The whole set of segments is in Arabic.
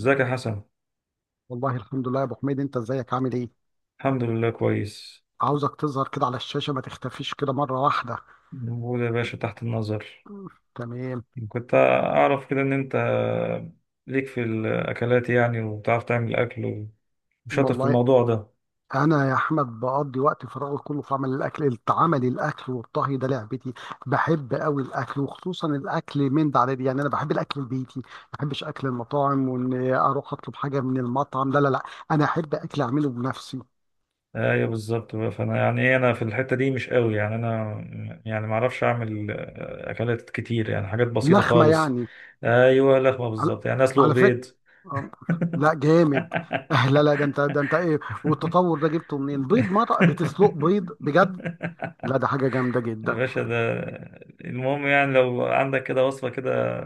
ازيك يا حسن؟ والله الحمد لله يا ابو حميد، انت ازيك عامل ايه؟ الحمد لله، كويس. عاوزك تظهر كده على الشاشه، ما تختفيش كده مره واحده. موجود يا باشا، تحت النظر. مم. تمام. كنت اعرف كده ان انت ليك في الاكلات يعني، وبتعرف تعمل اكل وشاطر في والله الموضوع ده. انا يا احمد بقضي وقت فراغي كله في عمل الاكل. عمل الاكل والطهي ده لعبتي. بحب قوي الاكل، وخصوصا الاكل من ده على دي. يعني انا بحب الاكل البيتي، ما بحبش اكل المطاعم. وان اروح اطلب حاجه من المطعم، لا لا لا، انا احب اكل اعمله بنفسي. ايوه بالظبط بقى. فانا يعني إيه، انا في الحتة دي مش قوي يعني انا يعني ما اعرفش اعمل اكلات كتير، يعني حاجات بسيطة لخمه خالص. يعني. ايوه لخمة على بالظبط، يعني اسلق على فكرة. بيض. آه، لا جامد. آه، لا لا، ده انت ايه؟ والتطور ده جبته منين؟ بيض؟ مرة بتسلق بيض بجد؟ لا ده حاجة جامدة يا جدا. باشا ده المهم يعني لو عندك كده وصفة كده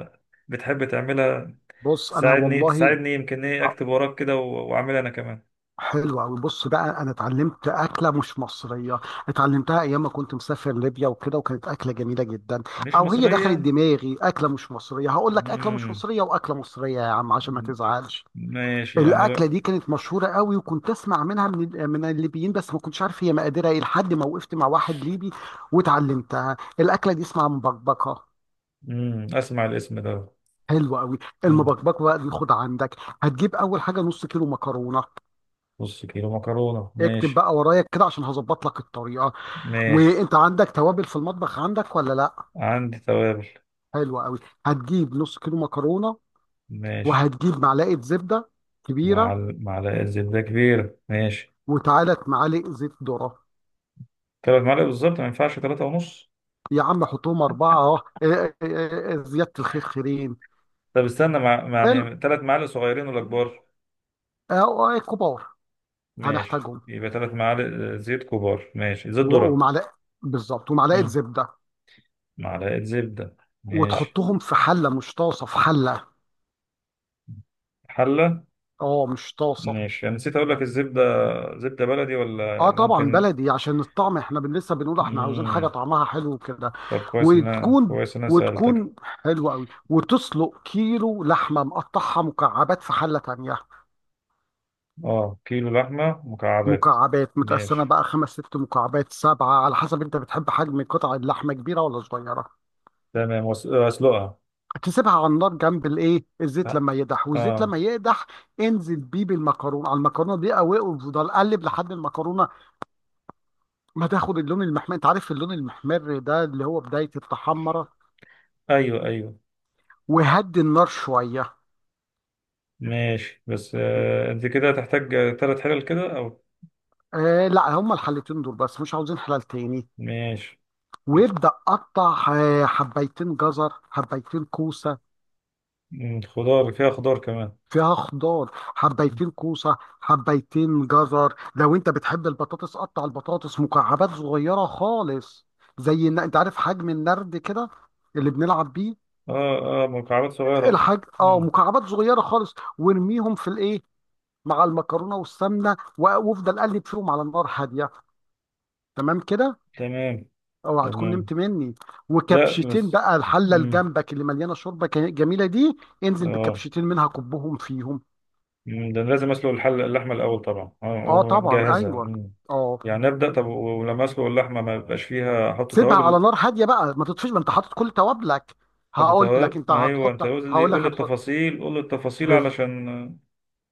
بتحب تعملها، بص، انا تساعدني والله تساعدني يمكن ايه آه، اكتب وراك كده واعملها انا كمان. حلوة أوي. بص بقى، أنا اتعلمت أكلة مش مصرية، اتعلمتها أيام ما كنت مسافر ليبيا وكده، وكانت أكلة جميلة جدا. مش أو هي دخلت مصرية؟ دماغي أكلة مش مصرية. هقول لك أكلة مش مم. مصرية وأكلة مصرية يا عم عشان ما تزعلش. ماشي يعني الاكله لو... دي كانت مشهوره قوي، وكنت اسمع منها من الليبيين، بس ما كنتش عارف هي مقاديرها ايه، لحد ما وقفت مع واحد ليبي واتعلمتها. الاكله دي اسمها مبكبكه. مم. اسمع الاسم ده. حلوه قوي. مم. المبكبكه بقى دي، خد عندك. هتجيب اول حاجه نص كيلو مكرونه. نص كيلو مكرونة، اكتب ماشي. بقى ورايا كده عشان هظبط لك الطريقه. ماشي. وانت عندك توابل في المطبخ، عندك ولا لا؟ عندي توابل. حلوه قوي. هتجيب نص كيلو مكرونه، ماشي. وهتجيب معلقه زبده مع كبيره. معلقة زبدة كبيرة، ماشي. وتعالى معالق زيت ذره. 3 معالق بالظبط، ما ينفعش تلاتة ونص؟ يا عم حطهم أربعة أهو. إيه- إيه- إيه- إيه، إيه، زيادة الخير خيرين. طب استنى، حلو، يعني 3 معالق صغيرين ولا كبار؟ أهو كبار. ماشي، هنحتاجهم. يبقى 3 معالق زيت كبار، ماشي زيت ذرة. ومعلقة، بالظبط، ومعلقة مم. زبدة. معلقة زبدة. ماشي. وتحطهم في حلة، مش طاسة، في حلة. حلة. اه، مش طاسة. ماشي، أنا نسيت أقول لك الزبدة، زبدة بلدي ولا اه طبعا ممكن؟ بلدي عشان الطعم، احنا لسه بنقول احنا عاوزين حاجة مم. طعمها حلو كده. طب وتكون كويس إن أنا سألتك. وتكون حلوة قوي. وتسلق كيلو لحمة مقطعها مكعبات في حلة تانية. أه كيلو لحمة مكعبات. مكعبات، متقسمة ماشي بقى خمس ست مكعبات سبعة، على حسب انت بتحب حجم قطع اللحمة كبيرة ولا صغيرة. تمام، أسلقها. تسيبها على النار جنب الايه، الزيت أه. لما يقدح. والزيت آه. لما يقدح، انزل بيه بالمكرونة. على المكرونة دي قوي، وفضل قلب لحد المكرونة ما تاخد اللون المحمر. انت عارف اللون المحمر ده، اللي هو بداية التحمرة. أيوه، أيوه. وهدي النار شوية. ماشي بس أنت كده هتحتاج 3 حلل كده أو... آه لا، هما الحلتين دول بس، مش عاوزين حلال تاني. ماشي. وابدأ قطع آه، حبايتين جزر حبايتين كوسة. مم. خضار؟ فيها خضار كمان؟ فيها خضار، حبيتين كوسة حبيتين جزر. لو انت بتحب البطاطس، قطع البطاطس مكعبات صغيرة خالص، زي ان انت عارف حجم النرد كده اللي بنلعب بيه. اه، اه، مكعبات صغيرة، اه. الحاج اه، مم. مكعبات صغيرة خالص، وارميهم في الايه مع المكرونة والسمنة، وافضل قلب فيهم على النار هادية. تمام كده. تمام. اوعى تكون تمام. نمت مني. لا وكبشتين بس... بقى الحلة اللي مم. جنبك اللي مليانة شوربة جميلة دي، انزل اه. بكبشتين منها، كبهم فيهم. مم. ده أنا لازم اسلق اللحمة الأول طبعا، اه طبعا ومجهزها. ايوه. مم. اه، يعني نبدأ طب، ولما اسلق اللحمة ما يبقاش فيها احط سيبها على توابل؟ نار هاديه بقى، ما تطفيش، ما انت حاطط كل توابلك. احط هقول لك توابل، انت ما ايوه انت هتحط، قول لي هقول قول لك لي هتحط. التفاصيل، قول لي التفاصيل بز... علشان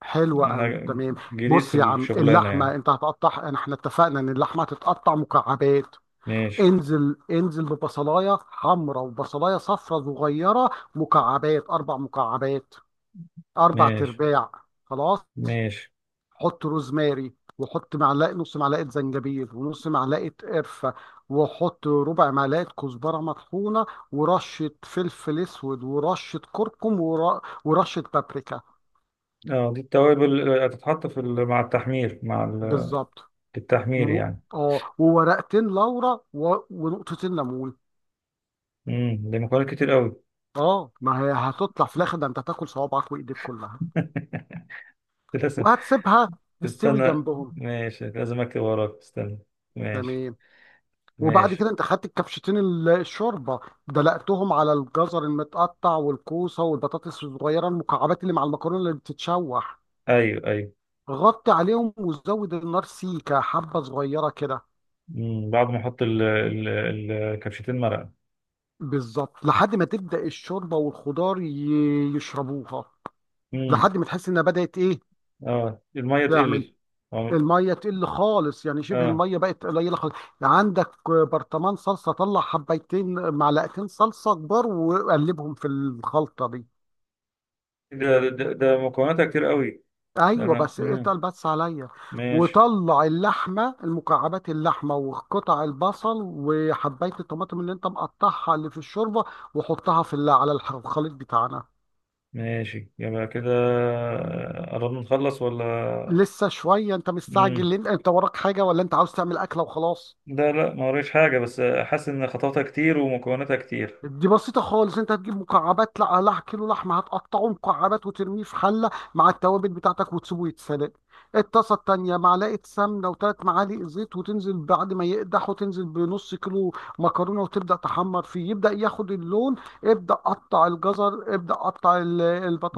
حلو انا قوي، تمام. جديد بص في يا عم، الشغلانة اللحمه يعني. انت هتقطعها، احنا اتفقنا ان اللحمه هتتقطع مكعبات. ماشي. انزل، انزل ببصلايه حمراء وبصلايه صفراء صغيره، مكعبات، اربع مكعبات، اربع ماشي. ترباع. خلاص. ماشي. حط روزماري، وحط معلقه، نص معلقه زنجبيل، ونص معلقه قرفه، وحط ربع معلقه كزبره مطحونه، ورشه فلفل اسود، ورشه كركم، ورشه بابريكا. اه، دي التوابل هتتحط مع التحمير، بالظبط. التحمير و... يعني. اه، وورقتين لورا، ونقطتين ليمون. ده مكونات كتير قوي. اه، ما هي هتطلع في الاخر ده انت هتاكل صوابعك وايديك كلها. لازم. وهتسيبها تستوي استنى، جنبهم. ماشي لازم اكتب وراك، استنى. ماشي. تمام. وبعد ماشي. كده انت خدت الكبشتين الشوربه، دلقتهم على الجزر المتقطع والكوسه والبطاطس الصغيره المكعبات اللي مع المكرونه اللي بتتشوح. ايوه، ايوه. غطي عليهم وزود النار سيكه حبه صغيره كده. مم. بعد ما احط كبشتين مرقه. بالظبط، لحد ما تبدا الشوربه والخضار يشربوها. امم. لحد ما تحس انها بدات ايه، اه الميه تعمل، تقل، اه، الميه تقل خالص، يعني شبه آه. الميه بقت قليله خالص. عندك برطمان صلصه، طلع حبيتين معلقتين صلصه كبار وقلبهم في الخلطه دي. ده مكوناتها كتير قوي. ده ايوه، انا بس اقطع بس عليا. ماشي، وطلع اللحمه المكعبات، اللحمه وقطع البصل وحبايه الطماطم اللي انت مقطعها اللي في الشوربه، وحطها على الخليط بتاعنا. ماشي يبقى كده، قربنا نخلص ولا؟ لسه شويه. انت مستعجل امم. ليه؟ انت وراك حاجه ولا انت عاوز تعمل اكله وخلاص؟ لا، لا ما وريش حاجه، بس حاسس ان خطواتها كتير ومكوناتها كتير. دي بسيطة خالص. انت هتجيب مكعبات، لا لا، كيلو لحمة هتقطعه مكعبات وترميه في حلة مع التوابل بتاعتك وتسيبه يتسلق. الطاسة التانية معلقة سمنة وثلاث معالق زيت، وتنزل بعد ما يقدح، وتنزل بنص كيلو مكرونة، وتبدأ تحمر فيه، يبدأ ياخد اللون. ابدأ قطع الجزر، ابدأ قطع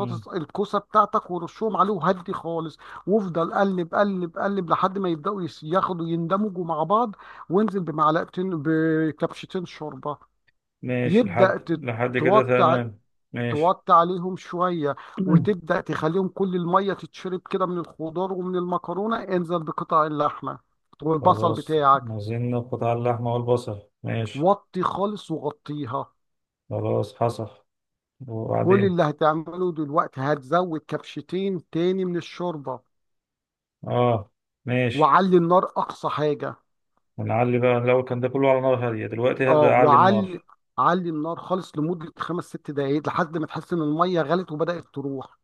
امم. الكوسة بتاعتك، ورشهم عليه، وهدي خالص. وافضل قلب قلب قلب لحد ما يبدأوا ياخدوا، يندمجوا مع بعض. وانزل بمعلقتين، بكبشتين شوربة. ماشي، لحد يبدأ لحد كده توطي ع- تمام. ماشي. توطي عليهم شوية. مم. وتبدأ تخليهم كل المية تتشرب كده من الخضار ومن المكرونة. انزل بقطع اللحمة والبصل خلاص. بتاعك. عايزين قطع اللحمة والبصل، ماشي. وطي خالص وغطيها. خلاص حصل. كل وبعدين. اللي هتعمله دلوقتي هتزود كبشتين تاني من الشوربة، اه. ماشي. وعلي النار أقصى حاجة. ونعلي بقى، الأول كان ده كله على نار هادية، دلوقتي اه، هبدأ أعلي وعلي، النار. علي النار خالص لمدة خمس ست دقايق، لحد ما تحس إن المية غلت وبدأت تروح.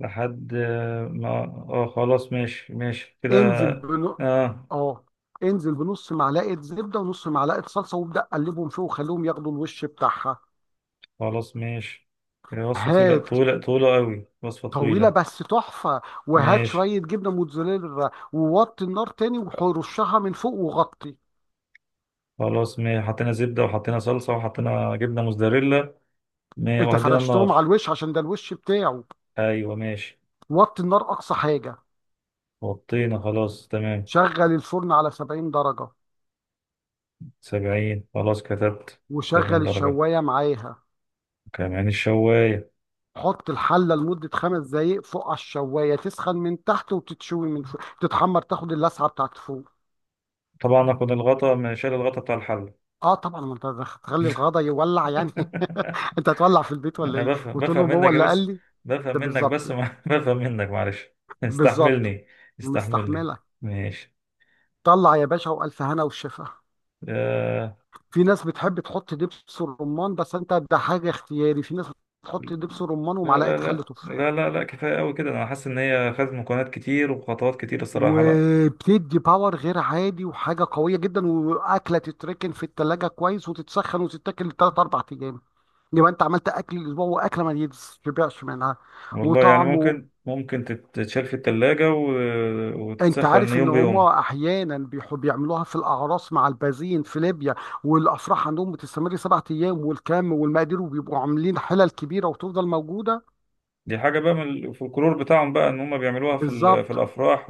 لحد ما خلاص. ماشي، ماشي كده. انزل بنو... اه. اه انزل بنص معلقه زبده ونص معلقه صلصه، وابدا قلبهم فيه وخليهم ياخدوا الوش بتاعها. خلاص، ماشي. هي وصفة طويلة هات، طويلة طويلة أوي، وصفة طويله طويلة. بس تحفه. وهات ماشي. شويه جبنه موتزاريلا، ووطي النار تاني، ورشها من فوق وغطي. خلاص، ماشي حطينا زبدة وحطينا صلصة وحطينا جبنة موزاريلا، انت وهدينا فرشتهم على النار. الوش عشان ده الوش بتاعه. أيوة، ماشي. وطي النار اقصى حاجه. وطينا، خلاص، تمام. شغل الفرن على 70 درجه، 70، خلاص كتبت وشغل 70 درجة. الشوايه معاها. كمان الشواية. حط الحله لمده خمس دقائق فوق على الشوايه، تسخن من تحت وتتشوي من فوق، تتحمر، تاخد اللسعه بتاعت فوق. طبعا أكون الغطا ما شال، الغطا بتاع الحل. اه طبعا، ما انت هتخلي الغدا يولع يعني. انت هتولع في البيت ولا أنا ايه؟ بفهم وتقول بفهم لهم هو منك اللي قال بس، لي. بفهم ده منك بس بالظبط. ما بفهم منك، معلش. بالظبط. استحملني. استحملني. مستحمله. ماشي. طلع يا باشا، والف هنا وشفا. آه، في ناس بتحب تحط دبس الرمان، بس انت ده حاجه اختياري. في ناس بتحط دبس الرمان لا لا ومعلقه خل لا تفاح، لا لا لا، كفاية أوي كده، أنا حاسس إن هي خدت مكونات كتير وخطوات كتير الصراحة، لا. وبتدي باور غير عادي وحاجه قويه جدا. واكله تتركن في التلاجة كويس وتتسخن وتتاكل ثلاث اربع ايام، يبقى انت عملت اكل الاسبوع، واكله ما يتشبعش منها، والله يعني وطعمه. ممكن تتشال في التلاجة و... انت وتتسخن عارف ان يوم بيوم. هما احيانا بيحب بيعملوها في الاعراس مع البازين في ليبيا، والافراح عندهم بتستمر 7 ايام، والكم والمقادير، وبيبقوا عاملين حلل كبيره وتفضل موجوده. دي حاجة بقى من الفولكلور بتاعهم بقى، ان هم بيعملوها في بالظبط، الافراح،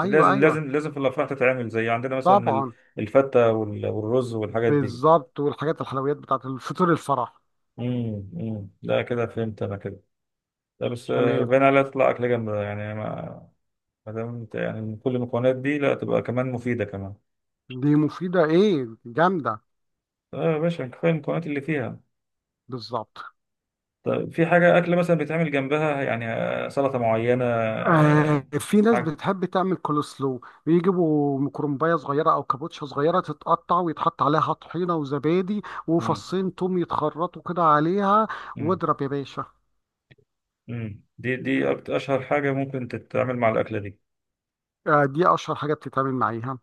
ايوه ايوه، لازم لازم في الافراح تتعمل، زي عندنا مثلا ال-... طبعا. الفتة والرز والحاجات دي. بالظبط، والحاجات الحلويات بتاعت الفطور الفرح. ده كده فهمت انا كده. لا بس، تمام. باين عليها تطلع اكل جامدة يعني ما... ما دام انت يعني من كل المكونات دي، لا تبقى كمان مفيدة كمان. دي مفيده ايه، جامده. اه يا باشا، كفاية المكونات اللي فيها. بالظبط. طيب، في حاجة أكل مثلا بيتعمل جنبها يعني سلطة معينة آه، في ناس حاجة. بتحب تعمل كولسلو، بيجيبوا مكرمبايه صغيره او كابوتشا صغيره، تتقطع ويتحط عليها طحينه وزبادي وفصين توم يتخرطوا كده عليها، امم. واضرب يا باشا. مم. دي أشهر حاجة ممكن تتعمل مع الأكلة دي؟ آه، دي اشهر حاجه بتتعمل معاها.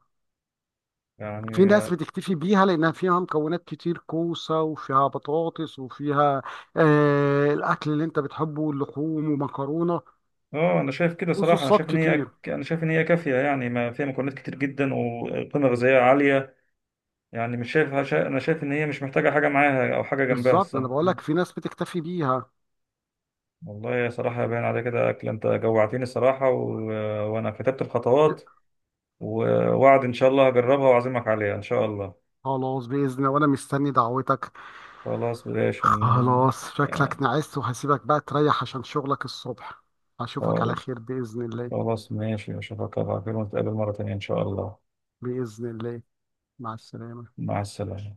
في يعني، ناس بتكتفي بيها لانها فيها مكونات كتير، كوسه وفيها بطاطس وفيها آه الاكل اللي انت بتحبه، اللحوم ومكرونه اه، أنا شايف كده صراحة، وصوصات كتير. أنا شايف إن هي كافية يعني، ما فيها مكونات كتير جدا وقيمة غذائية عالية. يعني مش شايف شا- أنا شايف إن هي مش محتاجة حاجة معاها أو حاجة جنبها بالظبط، انا الصراحة. بقول لك مم. في ناس بتكتفي بيها. والله يا صراحة باين على كده أكل، أنت جوعتني الصراحة و... وأنا كتبت الخطوات. ووعد إن شاء الله هجربها وأعزمك عليها إن شاء الله. خلاص باذن الله، وانا مستني دعوتك. خلاص بلاش خلاص شكلك يعني. نعست، وهسيبك بقى تريح عشان شغلك الصبح. أشوفك على خير بإذن الله. خلاص ماشي، أشوفك على خير ونتقابل مرة تانية إن شاء الله. بإذن الله. مع السلامة. مع السلامة.